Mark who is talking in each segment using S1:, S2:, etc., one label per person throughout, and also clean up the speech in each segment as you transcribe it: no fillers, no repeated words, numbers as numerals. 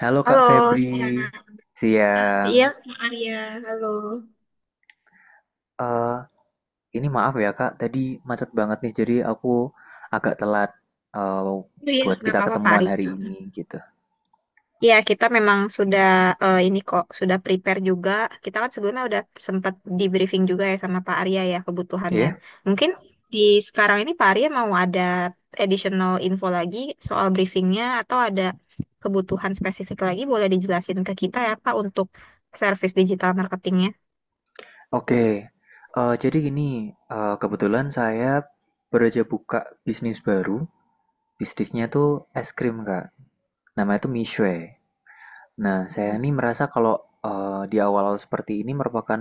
S1: Halo Kak
S2: Halo,
S1: Febri,
S2: Siana. Hmm,
S1: siang.
S2: iya, Kak Arya. Halo.
S1: Eh, ini maaf ya Kak, tadi macet banget nih, jadi aku agak telat eh,
S2: Oh, iya,
S1: buat
S2: nggak
S1: kita
S2: apa-apa, Pak
S1: ketemuan
S2: Ari.
S1: hari ini gitu.
S2: Iya, kita memang sudah ini kok, sudah prepare juga. Kita kan sebelumnya udah sempat di briefing juga ya sama Pak Arya ya kebutuhannya.
S1: Ya,
S2: Mungkin di sekarang ini Pak Arya mau ada additional info lagi soal briefingnya atau ada kebutuhan spesifik lagi boleh dijelasin ke kita ya Pak untuk service digital marketingnya.
S1: oke. Jadi gini, kebetulan saya baru aja buka bisnis baru. Bisnisnya tuh es krim Kak. Namanya tuh Mishwe. Nah, saya
S2: Hmm.
S1: ini merasa kalau di awal-awal seperti ini merupakan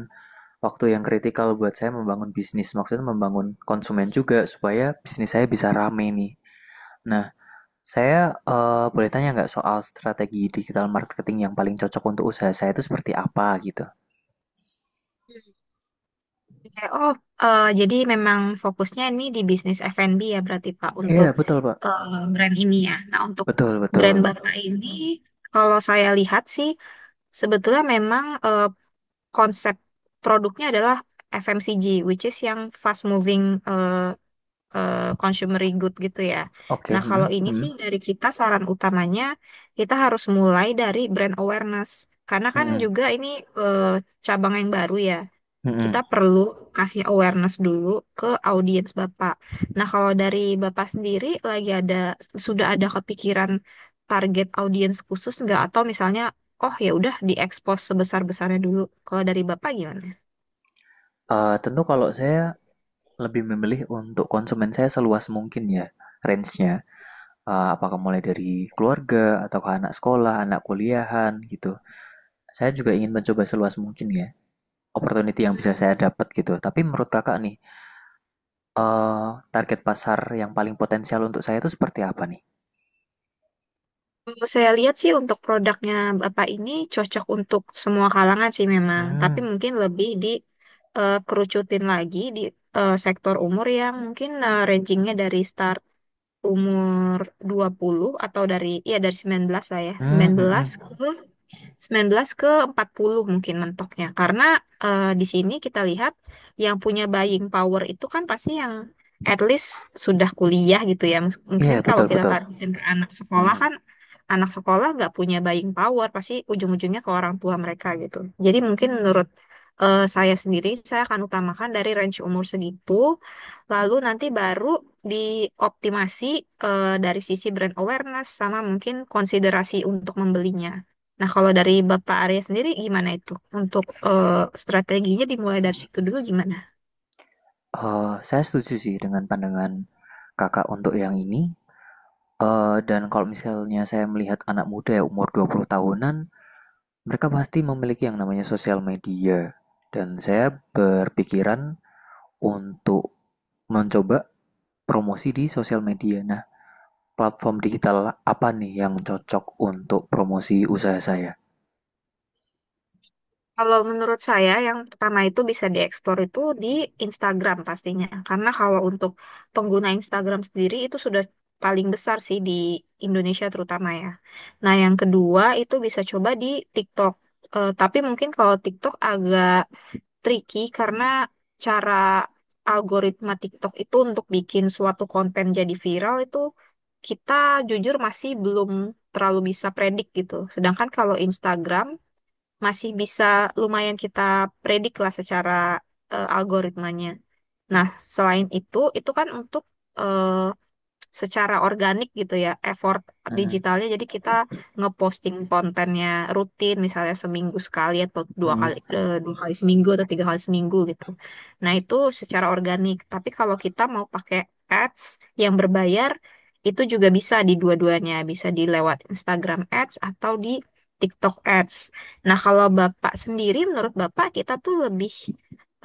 S1: waktu yang kritikal buat saya membangun bisnis, maksudnya membangun konsumen juga supaya bisnis saya bisa rame nih. Nah, saya boleh tanya nggak soal strategi digital marketing yang paling cocok untuk usaha saya itu seperti apa gitu?
S2: Iya. Oh, jadi memang fokusnya ini di bisnis F&B ya berarti Pak
S1: Iya, yeah,
S2: untuk
S1: betul, Pak.
S2: brand ini ya. Nah, untuk
S1: Betul,
S2: brand
S1: betul.
S2: Bapak ini kalau saya lihat sih sebetulnya memang konsep produknya adalah FMCG which is yang fast moving eh, consumer good gitu ya.
S1: Oke,
S2: Nah, kalau
S1: hmm,
S2: ini sih
S1: hmm,
S2: dari kita saran utamanya kita harus mulai dari brand awareness karena kan
S1: hmm,
S2: juga ini eh, cabang yang baru ya,
S1: hmm, hmm.
S2: kita perlu kasih awareness dulu ke audiens Bapak. Nah, kalau dari Bapak sendiri lagi ada sudah ada kepikiran target audiens khusus nggak atau misalnya oh ya udah diekspos sebesar-besarnya dulu. Kalau dari Bapak gimana?
S1: Tentu kalau saya lebih memilih untuk konsumen saya seluas mungkin ya range-nya. Apakah mulai dari keluarga atau ke anak sekolah, anak kuliahan gitu. Saya juga ingin mencoba seluas mungkin ya opportunity yang bisa saya
S2: Hmm.
S1: dapat gitu. Tapi menurut kakak nih, eh target pasar yang paling potensial untuk saya itu seperti apa nih?
S2: Kalau saya lihat sih untuk produknya Bapak ini cocok untuk semua kalangan sih memang, tapi
S1: Hmm,
S2: mungkin lebih di kerucutin lagi di sektor umur yang mungkin rangingnya dari start umur 20 atau dari ya dari 19 lah ya,
S1: hmm,
S2: sembilan
S1: hmm,
S2: belas
S1: hmm.
S2: ke 19 ke 40 mungkin mentoknya. Karena di sini kita lihat yang punya buying power itu kan pasti yang at least sudah kuliah gitu ya.
S1: Iya
S2: Mungkin kalau
S1: betul
S2: kita
S1: betul.
S2: taruh anak sekolah
S1: Hmm.
S2: kan anak sekolah nggak punya buying power, pasti ujung-ujungnya ke orang tua mereka gitu. Jadi mungkin menurut saya sendiri, saya akan utamakan dari range umur segitu, lalu nanti baru dioptimasi dari sisi brand awareness sama mungkin konsiderasi untuk membelinya. Nah, kalau dari Bapak Arya sendiri gimana itu? Untuk strateginya dimulai dari situ dulu gimana?
S1: Saya setuju sih dengan pandangan kakak untuk yang ini. Eh, dan kalau misalnya saya melihat anak muda ya umur 20 tahunan, mereka pasti memiliki yang namanya sosial media. Dan saya berpikiran untuk mencoba promosi di sosial media. Nah, platform digital apa nih yang cocok untuk promosi usaha saya?
S2: Kalau menurut saya yang pertama itu bisa dieksplor itu di Instagram pastinya. Karena kalau untuk pengguna Instagram sendiri itu sudah paling besar sih di Indonesia terutama ya. Nah, yang kedua itu bisa coba di TikTok. Tapi mungkin kalau TikTok agak tricky, karena cara algoritma TikTok itu untuk bikin suatu konten jadi viral itu kita jujur masih belum terlalu bisa predik gitu. Sedangkan kalau Instagram masih bisa lumayan kita predik lah secara algoritmanya. Nah, selain itu kan untuk eh, secara organik gitu ya effort
S1: Mm,
S2: digitalnya, jadi kita ngeposting kontennya rutin misalnya seminggu sekali atau dua kali
S1: mm.
S2: eh, dua kali seminggu atau tiga kali seminggu gitu. Nah itu secara organik, tapi kalau kita mau pakai ads yang berbayar itu juga bisa di dua-duanya, bisa di lewat Instagram ads atau di TikTok ads. Nah, kalau bapak sendiri menurut bapak kita tuh lebih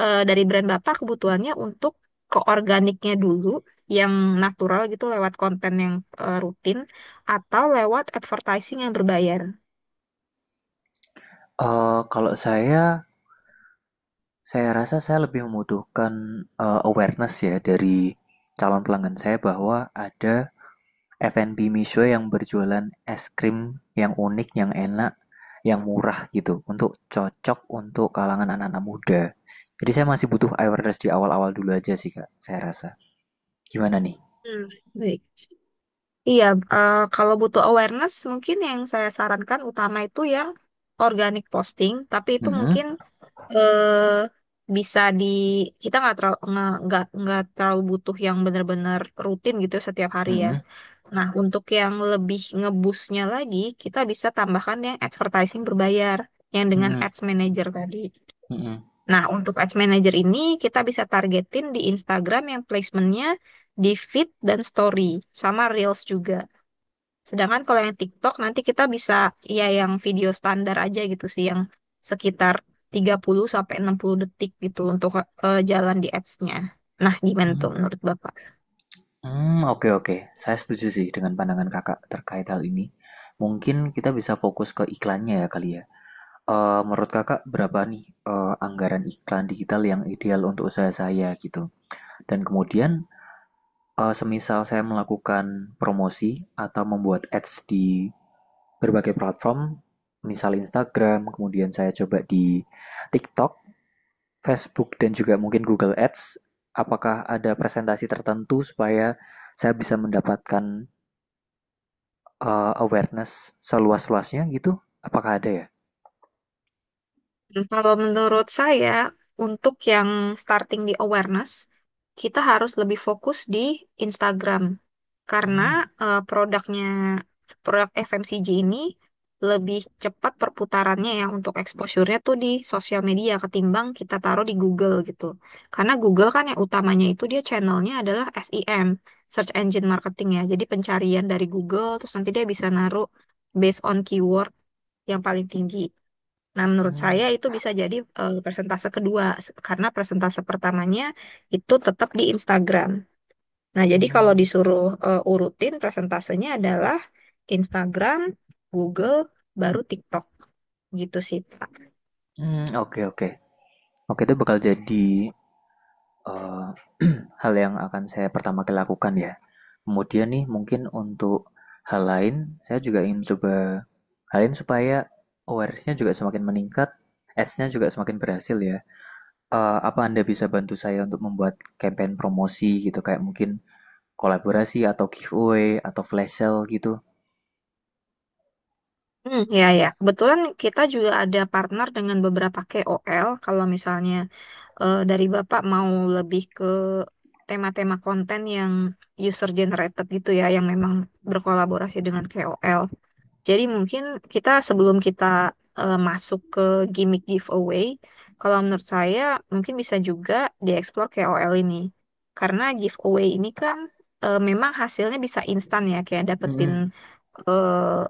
S2: dari brand bapak kebutuhannya untuk ke organiknya dulu yang natural gitu lewat konten yang rutin, atau lewat advertising yang berbayar.
S1: Kalau saya rasa saya lebih membutuhkan awareness ya dari calon pelanggan saya bahwa ada F&B Misho yang berjualan es krim yang unik, yang enak, yang murah gitu, untuk cocok untuk kalangan anak-anak muda. Jadi saya masih butuh awareness di awal-awal dulu aja sih kak, saya rasa. Gimana nih?
S2: Hmm, baik. Iya, kalau butuh awareness mungkin yang saya sarankan utama itu yang organic posting, tapi itu
S1: Mm-mm,
S2: mungkin eh, bisa kita nggak terlalu butuh yang benar-benar rutin gitu setiap hari ya.
S1: mm-mm,
S2: Nah, untuk yang lebih ngebusnya lagi, kita bisa tambahkan yang advertising berbayar, yang dengan
S1: mm-mm,
S2: ads manager tadi.
S1: mm-mm.
S2: Nah, untuk Ads Manager ini kita bisa targetin di Instagram yang placementnya di feed dan story, sama Reels juga. Sedangkan kalau yang TikTok nanti kita bisa ya yang video standar aja gitu sih, yang sekitar 30 sampai 60 detik gitu untuk jalan di ads-nya. Nah, gimana tuh menurut Bapak?
S1: Hmm, oke oke. Saya setuju sih dengan pandangan Kakak terkait hal ini. Mungkin kita bisa fokus ke iklannya ya kali ya. Menurut Kakak berapa nih, anggaran iklan digital yang ideal untuk usaha saya gitu? Dan kemudian, semisal saya melakukan promosi atau membuat ads di berbagai platform, misal Instagram, kemudian saya coba di TikTok, Facebook, dan juga mungkin Google Ads, apakah ada presentasi tertentu supaya saya bisa mendapatkan awareness seluas-luasnya gitu? Apakah ada ya?
S2: Hmm. Kalau menurut saya, untuk yang starting di awareness, kita harus lebih fokus di Instagram karena
S1: Hmm,
S2: produknya produk FMCG ini lebih cepat perputarannya ya untuk exposure-nya tuh di sosial media ketimbang kita taruh di Google gitu. Karena Google kan yang utamanya itu dia channelnya adalah SEM, Search Engine Marketing ya. Jadi pencarian dari Google, terus nanti dia bisa naruh based on keyword yang paling tinggi. Nah, menurut
S1: hmm,
S2: saya itu bisa jadi persentase kedua karena persentase pertamanya itu tetap di Instagram. Nah, jadi kalau
S1: hmm.
S2: disuruh urutin persentasenya adalah Instagram, Google, baru TikTok gitu sih.
S1: Mmm, oke oke. Oke, itu bakal jadi, eee, hal yang akan saya pertama kali lakukan ya. Kemudian nih mungkin untuk hal lain, saya juga ingin coba hal lain supaya awareness-nya juga semakin meningkat, ads-nya juga semakin berhasil ya. Eee, apa Anda bisa bantu saya untuk membuat campaign promosi gitu, kayak mungkin kolaborasi atau giveaway atau flash sale gitu?
S2: Hmm, ya, ya. Kebetulan kita juga ada partner dengan beberapa KOL. Kalau misalnya dari Bapak mau lebih ke tema-tema konten yang user generated gitu ya, yang memang berkolaborasi dengan KOL. Jadi mungkin kita sebelum kita masuk ke gimmick giveaway, kalau menurut saya mungkin bisa juga dieksplor KOL ini. Karena giveaway ini kan memang hasilnya bisa instan ya, kayak dapetin
S1: Mhm,
S2: eh,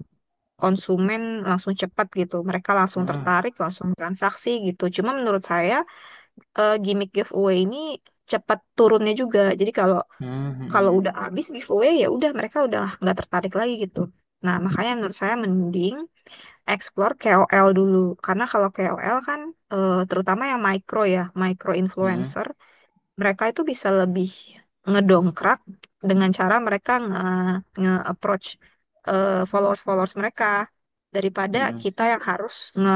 S2: konsumen langsung cepat gitu. Mereka langsung
S1: mhm,
S2: tertarik, langsung transaksi gitu. Cuma menurut saya gimmick giveaway ini cepat turunnya juga. Jadi kalau
S1: hmm,
S2: kalau
S1: hmm,
S2: udah habis giveaway ya udah mereka udah nggak tertarik lagi gitu. Nah, makanya menurut saya mending explore KOL dulu. Karena kalau KOL kan terutama yang micro ya, micro
S1: hmm, mhm,
S2: influencer, mereka itu bisa lebih ngedongkrak dengan cara mereka nge-approach followers-followers mereka daripada
S1: mhm.
S2: kita yang harus nge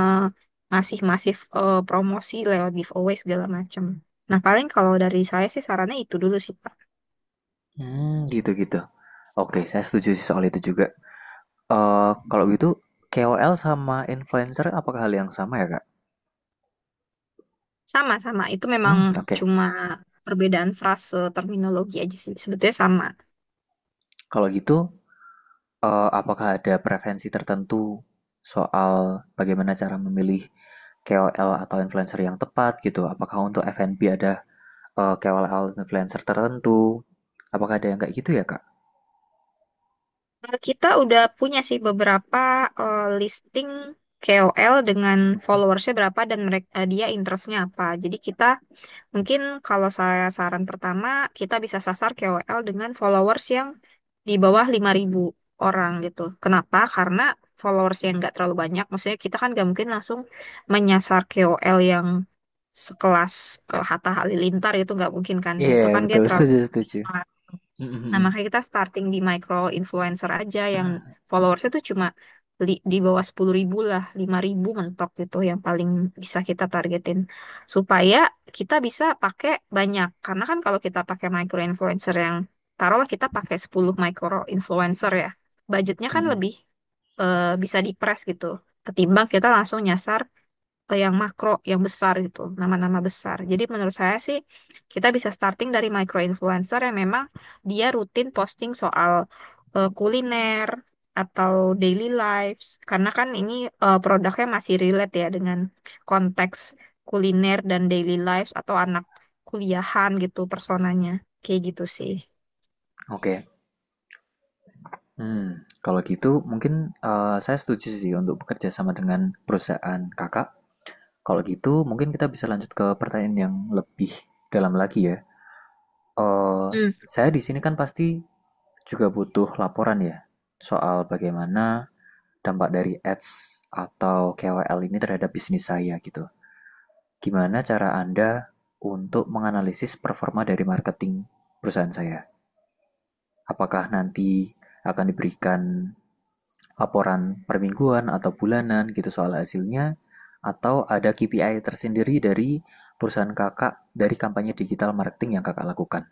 S2: ngasih masif promosi lewat giveaway segala macam. Nah, paling kalau dari saya sih sarannya itu dulu sih, Pak.
S1: Mmm, gitu gitu. Oke, saya setuju sih soal itu juga. Eee, kalau gitu KOL sama influencer apakah hal yang sama ya, Kak?
S2: Sama-sama, itu memang
S1: Mmm, oke.
S2: cuma perbedaan frase terminologi aja sih. Sebetulnya sama.
S1: Kalau gitu, apakah ada preferensi tertentu soal bagaimana cara memilih KOL atau influencer yang tepat gitu? Apakah untuk F&B ada, eee, atau influencer tertentu? Apakah ada yang kayak gitu ya, Kak?
S2: Kita udah punya sih beberapa listing KOL dengan followersnya berapa dan mereka dia interestnya apa. Jadi kita mungkin kalau saya saran pertama kita bisa sasar KOL dengan followers yang di bawah 5.000 orang gitu. Kenapa? Karena followers yang nggak terlalu banyak. Maksudnya kita kan nggak mungkin langsung menyasar KOL yang sekelas Hatta Halilintar, itu nggak mungkin kan ya. Itu
S1: Iya,
S2: kan dia
S1: betul,
S2: terlalu
S1: setuju setuju.
S2: besar.
S1: Mhm
S2: Nah,
S1: mhm.
S2: makanya kita starting di micro influencer aja yang followersnya tuh cuma di bawah 10.000 lah, 5.000 mentok gitu yang paling bisa kita targetin. Supaya kita bisa pakai banyak. Karena kan kalau kita pakai micro influencer yang, taruhlah kita pakai 10 micro influencer ya, budgetnya kan
S1: Mhm,
S2: lebih bisa dipres gitu. Ketimbang kita langsung nyasar ke yang makro, yang besar gitu, nama-nama besar. Jadi menurut saya sih kita bisa starting dari micro influencer yang memang dia rutin posting soal kuliner atau daily lives, karena kan ini produknya masih relate ya dengan konteks kuliner dan daily lives, atau anak kuliahan gitu personanya. Kayak gitu sih.
S1: oke. Hmm, kalau gitu mungkin saya setuju sih untuk bekerja sama dengan perusahaan kakak. Kalau gitu mungkin kita bisa lanjut ke pertanyaan yang lebih dalam lagi ya. Eh, saya di sini kan pasti juga butuh laporan ya soal bagaimana dampak dari ads atau KOL ini terhadap bisnis saya gitu. Gimana cara Anda untuk menganalisis performa dari marketing perusahaan saya? Apakah nanti akan diberikan laporan per mingguan atau bulanan gitu soal hasilnya atau ada KPI tersendiri dari perusahaan kakak dari kampanye digital marketing yang kakak lakukan.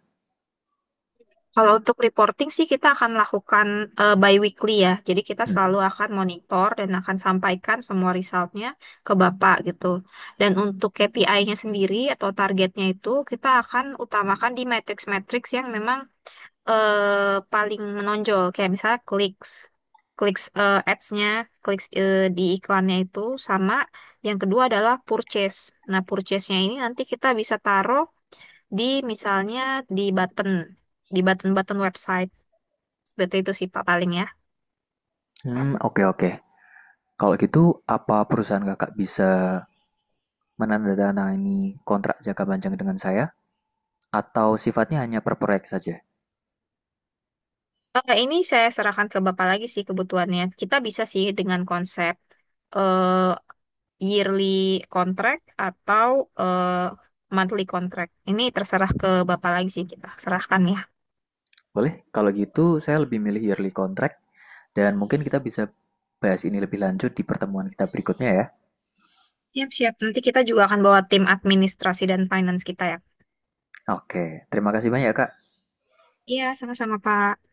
S2: Kalau untuk reporting sih kita akan lakukan bi-weekly ya. Jadi kita
S1: Hmm,
S2: selalu akan monitor dan akan sampaikan semua resultnya ke Bapak gitu. Dan untuk KPI-nya sendiri atau targetnya itu kita akan utamakan di matrix-matrix yang memang paling menonjol. Kayak misalnya clicks, clicks ads-nya, clicks di iklannya itu sama. Yang kedua adalah purchase. Nah, purchase-nya ini nanti kita bisa taruh di misalnya di button, di button-button website. Seperti itu sih Pak paling ya.
S1: hmm, oke oke. Kalau gitu, apa perusahaan kakak bisa menandatangani kontrak jangka panjang dengan saya? Atau sifatnya hanya per proyek saja?
S2: Ini saya serahkan ke Bapak lagi sih kebutuhannya. Kita bisa sih dengan konsep eh, yearly contract atau eh, monthly contract. Ini terserah ke Bapak lagi sih kita serahkan ya.
S1: Boleh? Kalau gitu, saya lebih milih yearly contract dan mungkin kita bisa bahas ini lebih lanjut di pertemuan kita berikutnya ya.
S2: Siap-siap. Nanti kita juga akan bawa tim administrasi dan finance kita ya.
S1: Oke, terima kasih banyak kak.
S2: Iya, sama-sama Pak.